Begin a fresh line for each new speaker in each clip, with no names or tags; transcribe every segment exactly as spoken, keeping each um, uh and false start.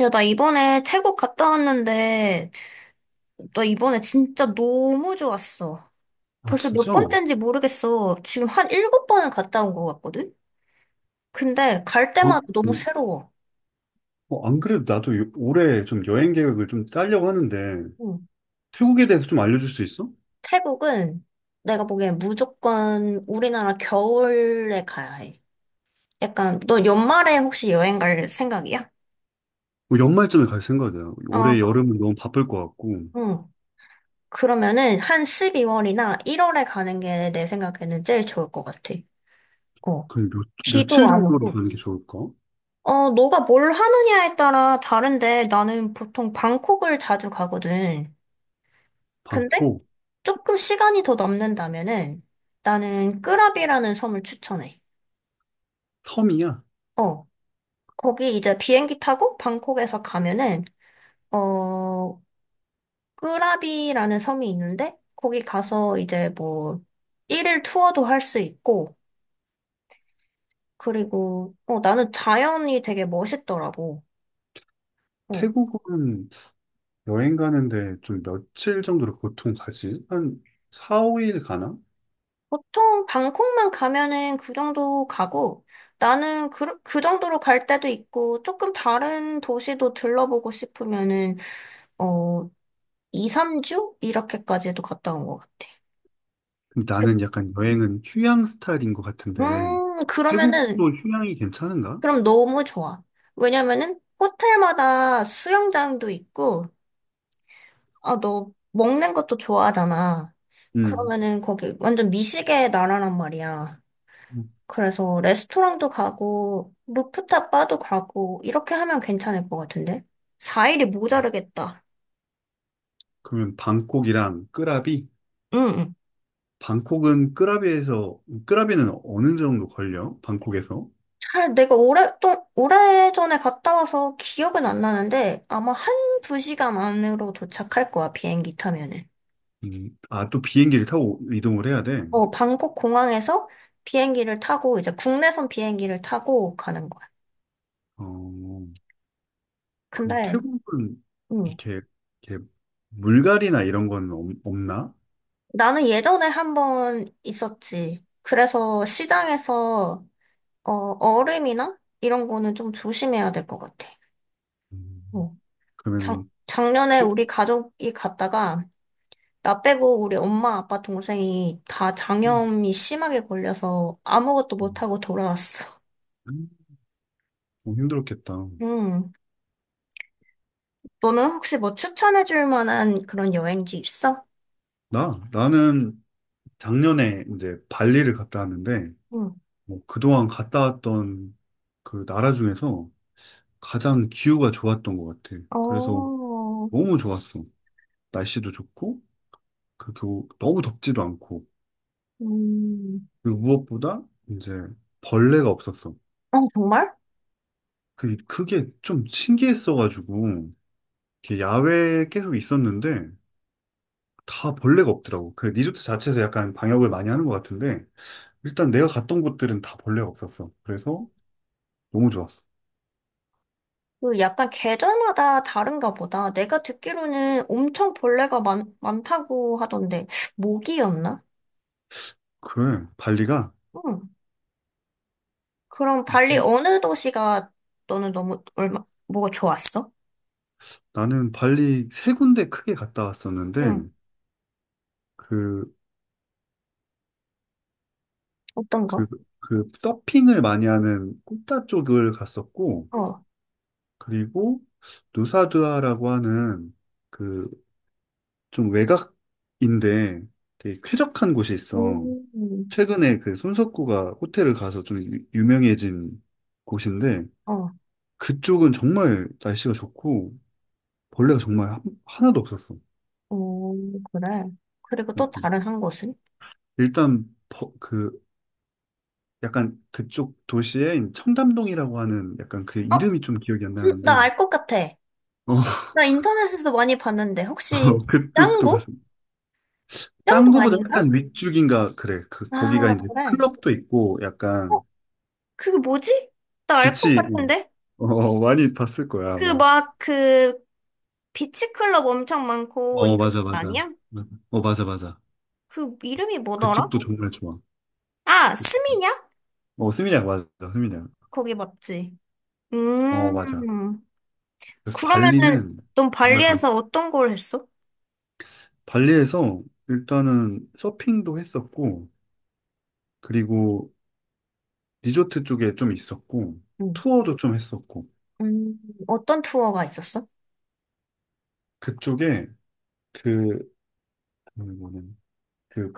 야, 나 이번에 태국 갔다 왔는데, 나 이번에 진짜 너무 좋았어.
아,
벌써 몇
진짜? 어,
번째인지 모르겠어. 지금 한 일곱 번은 갔다 온 것 같거든? 근데 갈 때마다 너무
음,
새로워.
어, 안 그래도 나도 요- 올해 좀 여행 계획을 좀 짜려고 하는데,
응.
태국에 대해서 좀 알려줄 수 있어?
태국은 내가 보기엔 무조건 우리나라 겨울에 가야 해. 약간, 너 연말에 혹시 여행 갈 생각이야?
뭐 연말쯤에 갈 생각이야.
어,
올해
거-
여름은 너무 바쁠 것 같고,
응. 그러면은 한 십이월이나 일월에 가는 게 내 생각에는 제일 좋을 것 같아. 어.
그 몇, 며칠
비도 안
정도로
오고.
가는 게 좋을까?
어, 너가 뭘 하느냐에 따라 다른데 나는 보통 방콕을 자주 가거든. 근데
방콕.
조금 시간이 더 남는다면은 나는 끄라비라는 섬을 추천해.
섬이야.
어, 거기 이제 비행기 타고 방콕에서 가면은 어, 끄라비라는 섬이 있는데 거기 가서 이제 뭐 일일 투어도 할 수 있고 그리고 어, 나는 자연이 되게 멋있더라고. 어,
태국은 여행 가는데 좀 며칠 정도로 보통 가지? 한 사, 오 일 가나?
보통 방콕만 가면은 그 정도 가고 나는 그, 그 정도로 갈 때도 있고 조금 다른 도시도 들러보고 싶으면은 어 이, 삼 주 이렇게까지도 갔다 온 것 같아.
근데 나는 약간 여행은 휴양 스타일인 것 같은데,
음,
태국도
그러면은
휴양이 괜찮은가?
그럼 너무 좋아. 왜냐면은 호텔마다 수영장도 있고 아, 너 먹는 것도 좋아하잖아.
음.
그러면은 거기 완전 미식의 나라란 말이야.
음.
그래서 레스토랑도 가고, 루프탑 바도 가고, 이렇게 하면 괜찮을 것 같은데? 사 일이 모자르겠다.
그러면 방콕이랑 끄라비.
응, 응.
방콕은 끄라비에서, 끄라비는 어느 정도 걸려? 방콕에서?
잘, 내가 오랫동, 오래전에 갔다 와서 기억은 안 나는데, 아마 한 두 시간 안으로 도착할 거야, 비행기 타면은.
음, 아, 또 비행기를 타고 이동을 해야 돼.
어, 방콕 공항에서 비행기를 타고, 이제 국내선 비행기를 타고 가는 거야.
어, 그럼
근데,
태국은
음,
이렇게, 이렇게 물갈이나 이런 건 없- 없나?
나는 예전에 한 번 있었지. 그래서 시장에서 어, 얼음이나 이런 거는 좀 조심해야 될 것 같아.
음,
어. 작,
그러면
작년에
태국?
우리 가족이 갔다가 나 빼고 우리 엄마, 아빠, 동생이 다
음,
장염이 심하게 걸려서 아무것도 못하고 돌아왔어.
음, 어, 힘들었겠다.
음. 너는 혹시 뭐 추천해줄 만한 그런 여행지 있어?
나? 나는 작년에 이제 발리를 갔다 왔는데,
응.
뭐 그동안 갔다 왔던 그 나라 중에서 가장 기후가 좋았던 것 같아. 그래서
어,
너무 좋았어. 날씨도 좋고, 그 교, 너무 덥지도 않고,
음.
그리고 무엇보다 이제 벌레가 없었어.
어, 정말?
그, 그게 좀 신기했어가지고, 이렇게 야외에 계속 있었는데, 다 벌레가 없더라고. 그 리조트 자체에서 약간 방역을 많이 하는 것 같은데, 일단 내가 갔던 곳들은 다 벌레가 없었어. 그래서 너무 좋았어.
그 약간 계절마다 다른가 보다. 내가 듣기로는 엄청 벌레가 많, 많다고 하던데, 모기였나?
그래, 발리가
응. 그럼 발리
좀,
어느 도시가 너는 너무 얼마 뭐가 좋았어?
나는 발리 세 군데 크게 갔다
응,
왔었는데, 그,
어떤
그,
거?
그 서핑을 많이 하는 꾸따 쪽을 갔었고,
어,
그리고 누사두아라고 하는 그 좀 외곽인데 되게 쾌적한 곳이 있어.
음,
최근에 그 손석구가 호텔을 가서 좀 유- 유명해진 곳인데
어,
그쪽은 정말 날씨가 좋고 벌레가 정말 한- 하나도 없었어.
어, 그래. 그리고 또
음, 음.
다른 한 곳은?
일단 버- 그 약간 그쪽 도시에 청담동이라고 하는 약간 그
어,
이름이 좀 기억이 안
음, 나
나는데
알 것 같아.
어,
나 인터넷에서 많이 봤는데 혹시
그쪽도
짱구?
갔어.
짱구
짱구보다
아닌가?
약간 윗줄기인가 그래. 그 거기가
아,
이제
그래.
클럽도 있고
어,
약간
그게 뭐지? 나 알 것
빛이 음,
같은데?
어, 어, 많이 봤을 거야
그
아마.
막 그 비치클럽 엄청 많고
어,
이런
맞아,
거
맞아.
아니야?
맞아. 어, 맞아, 맞아.
그 이름이 뭐더라?
그쪽도 정말 좋아.
아,
그쪽도.
스미냑?
어, 스미냑 맞아. 스미냑.
거기 맞지?
어, 맞아.
음.
그래서
그러면은
발리는
넌
정말 강.
발리에서 어떤 걸 했어?
발리에서 일단은 서핑도 했었고 그리고 리조트 쪽에 좀 있었고
응.
투어도 좀 했었고
음, 어떤 투어가 있었어?
그쪽에 그 뭐냐면 그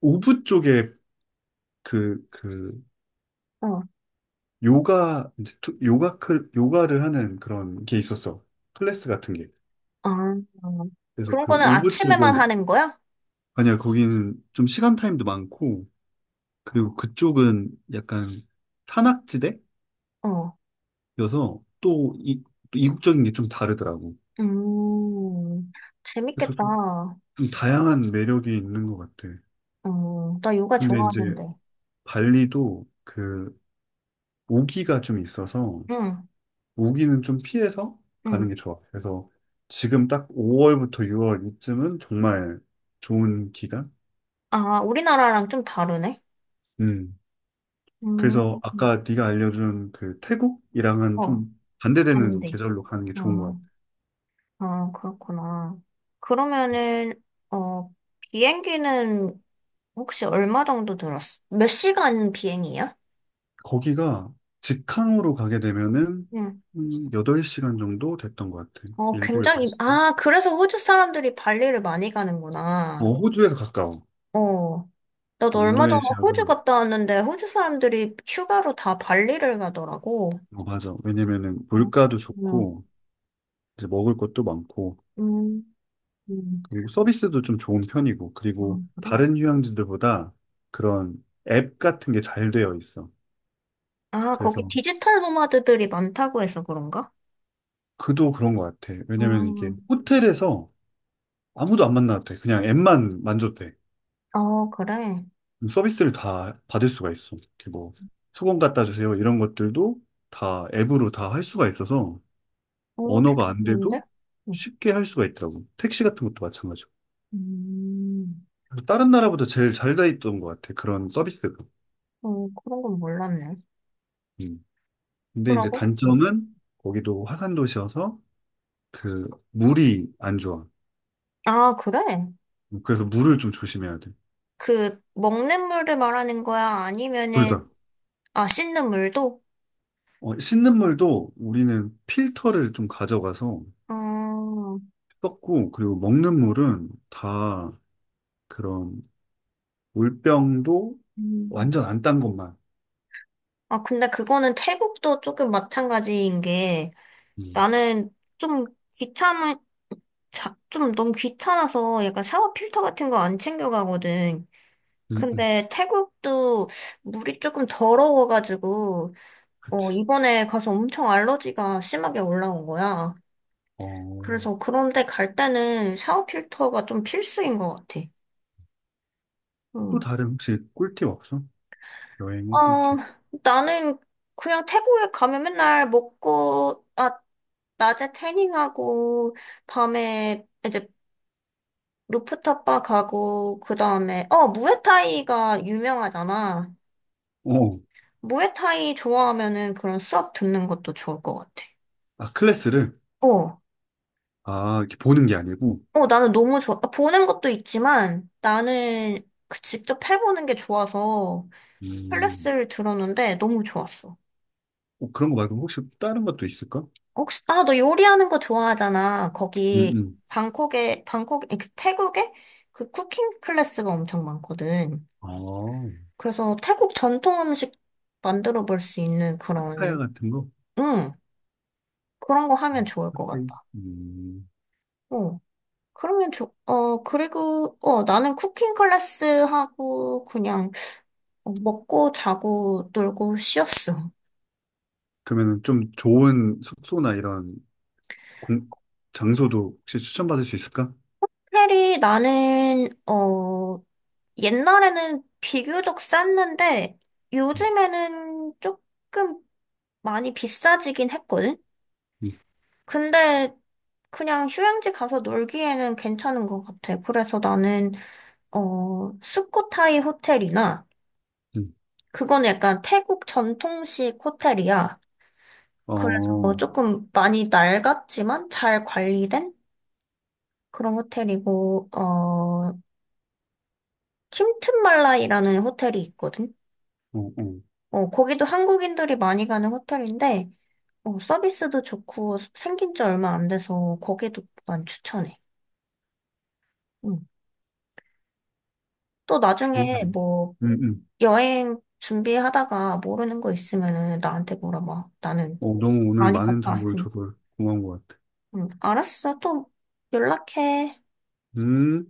우붓 쪽에 그그
어,
요가, 이제 투- 요가, 클, 요가를 하는 그런 게 있었어. 클래스 같은 게.
아,
그래서
그런
그
거는 그-
오브
아침에만
쪽은.
하는 거야?
아니야, 거기는 좀 시간 타임도 많고, 그리고 그쪽은 약간 산악지대여서
어,
또 이, 또 이국적인 게 좀 다르더라고.
음, 재밌겠다.
그래서 좀, 좀 다양한 매력이 있는 것 같아.
어, 나 요가
근데 이제
좋아하는데.
발리도 그 모기가 좀 있어서
응,
우기는 좀 피해서 가는
응.
게 좋아. 그래서 지금 딱 오월부터 유월 이쯤은 정말 좋은 기간.
아, 우리나라랑 좀 다르네?
음.
음,
그래서 아까 네가 알려준 그 태국이랑은
어,
좀 반대되는
반대.
계절로 가는 게 좋은 것
아,
같아.
아, 그렇구나. 그러면은, 어, 비행기는 혹시 얼마 정도 들었어? 몇 시간 비행이야?
거기가 직항으로 가게 되면은
응.
음, 여덟 시간 정도 됐던 것 같아.
어,
일곱,
굉장히,
여덟 시간.
아, 그래서 호주 사람들이 발리를 많이 가는구나.
어, 호주에서 가까워.
어. 나도
어,
얼마 전에
인도네시아가.
호주 갔다 왔는데, 호주 사람들이 휴가로 다 발리를 가더라고.
어, 맞아. 왜냐면은
어,
물가도
음,
좋고 이제 먹을 것도 많고
음, 음.
그리고 서비스도 좀 좋은 편이고,
아,
그리고
그래?
다른 휴양지들보다 그런 앱 같은 게 잘 되어 있어.
아, 거기
그래서
디지털 노마드들이 많다고 해서 그런가?
그도 그런 것 같아. 왜냐면 이게
음,
호텔에서 아무도 안 만나도 돼. 그냥 앱만 만져도 돼.
어, 그래.
그럼 서비스를 다 받을 수가 있어. 이렇게 뭐 수건 갖다 주세요. 이런 것들도 다 앱으로 다 할 수가 있어서
오,
언어가
되게
안 돼도
좋은데? 음,
쉽게 할 수가 있더라고. 택시 같은 것도 마찬가지고.
음,
그래서 다른 나라보다 제일 잘 돼 있던 것 같아. 그런 서비스가.
어, 그런 건 몰랐네.
음. 근데 이제
그러고? 어.
단점은 거기도 화산 도시여서 그 물이 안 좋아.
아, 그래?
그래서 물을 좀 조심해야 돼.
그 먹는 물을 말하는 거야?
둘
아니면은
다.
아 씻는 물도?
어, 씻는 물도 우리는 필터를 좀 가져가서
어,
썼고, 그리고 먹는 물은 다 그런 물병도
음.
완전 안 딴 것만.
아 근데 그거는 태국도 조금 마찬가지인 게
음,
나는 좀 귀찮은 자- 좀 너무 귀찮아서 약간 샤워 필터 같은 거 안 챙겨가거든.
음, 음,
근데 태국도 물이 조금 더러워가지고 어
그치.
이번에 가서 엄청 알러지가 심하게 올라온 거야.
어,
그래서 그런데 갈 때는 샤워 필터가 좀 필수인 것 같아.
또
응.
다른 혹시 꿀팁 없어?
어,
여행의 꿀팁.
나는 그냥 태국에 가면 맨날 먹고, 아, 낮에 태닝하고, 밤에 이제 루프탑 바 가고, 그 다음에, 어, 무에타이가 유명하잖아.
어,
무에타이 좋아하면은 그런 수업 듣는 것도 좋을 것 같아.
아, 클래스를?
어,
아, 이렇게 보는 게 아니고,
어, 나는 너무 좋아. 아, 보는 것도 있지만, 나는 그 직접 해보는 게 좋아서
음,
클래스를 들었는데 너무 좋았어.
어, 그런 거 말고 혹시 다른 것도 있을까?
혹시, 아, 너 요리하는 거 좋아하잖아.
음,
거기,
음.
방콕에, 방콕, 아니, 그 태국에 그 쿠킹 클래스가 엄청 많거든.
어,
그래서 태국 전통 음식 만들어 볼 수 있는
파타야
그런,
같은 거?
응, 그런 거 하면 좋을 것
팟타이?
같다.
음.
어, 그러면 좋, 어, 그리고, 어, 나는 쿠킹 클래스 하고, 그냥, 어, 먹고, 자고, 놀고, 쉬었어.
그러면 좀 좋은 숙소나 이런 공, 장소도 혹시 추천받을 수 있을까?
특별히 나는, 어, 옛날에는 비교적 쌌는데
음,
요즘에는 조금 많이 비싸지긴 했거든?
음,
근데 그냥 휴양지 가서 놀기에는 괜찮은 것 같아. 그래서 나는, 어, 스코타이 호텔이나,
음.
그거는 약간 태국 전통식 호텔이야.
어,
그래서 뭐
어,
조금 많이 낡았지만 잘 관리된 그런 호텔이고, 어, 킴튼말라이라는 호텔이 있거든?
어,
어, 거기도 한국인들이 많이 가는 호텔인데, 어, 서비스도 좋고 생긴 지 얼마 안 돼서 거기도 난 추천해. 응. 또
좋은,
나중에 뭐
음, 음.
여행 준비하다가 모르는 거 있으면은 나한테 물어봐. 나는
어, 너무 오늘
많이
많은
갔다
정보를
왔으니.
줘서 고마운 것 같아.
응. 알았어. 또 연락해.
음.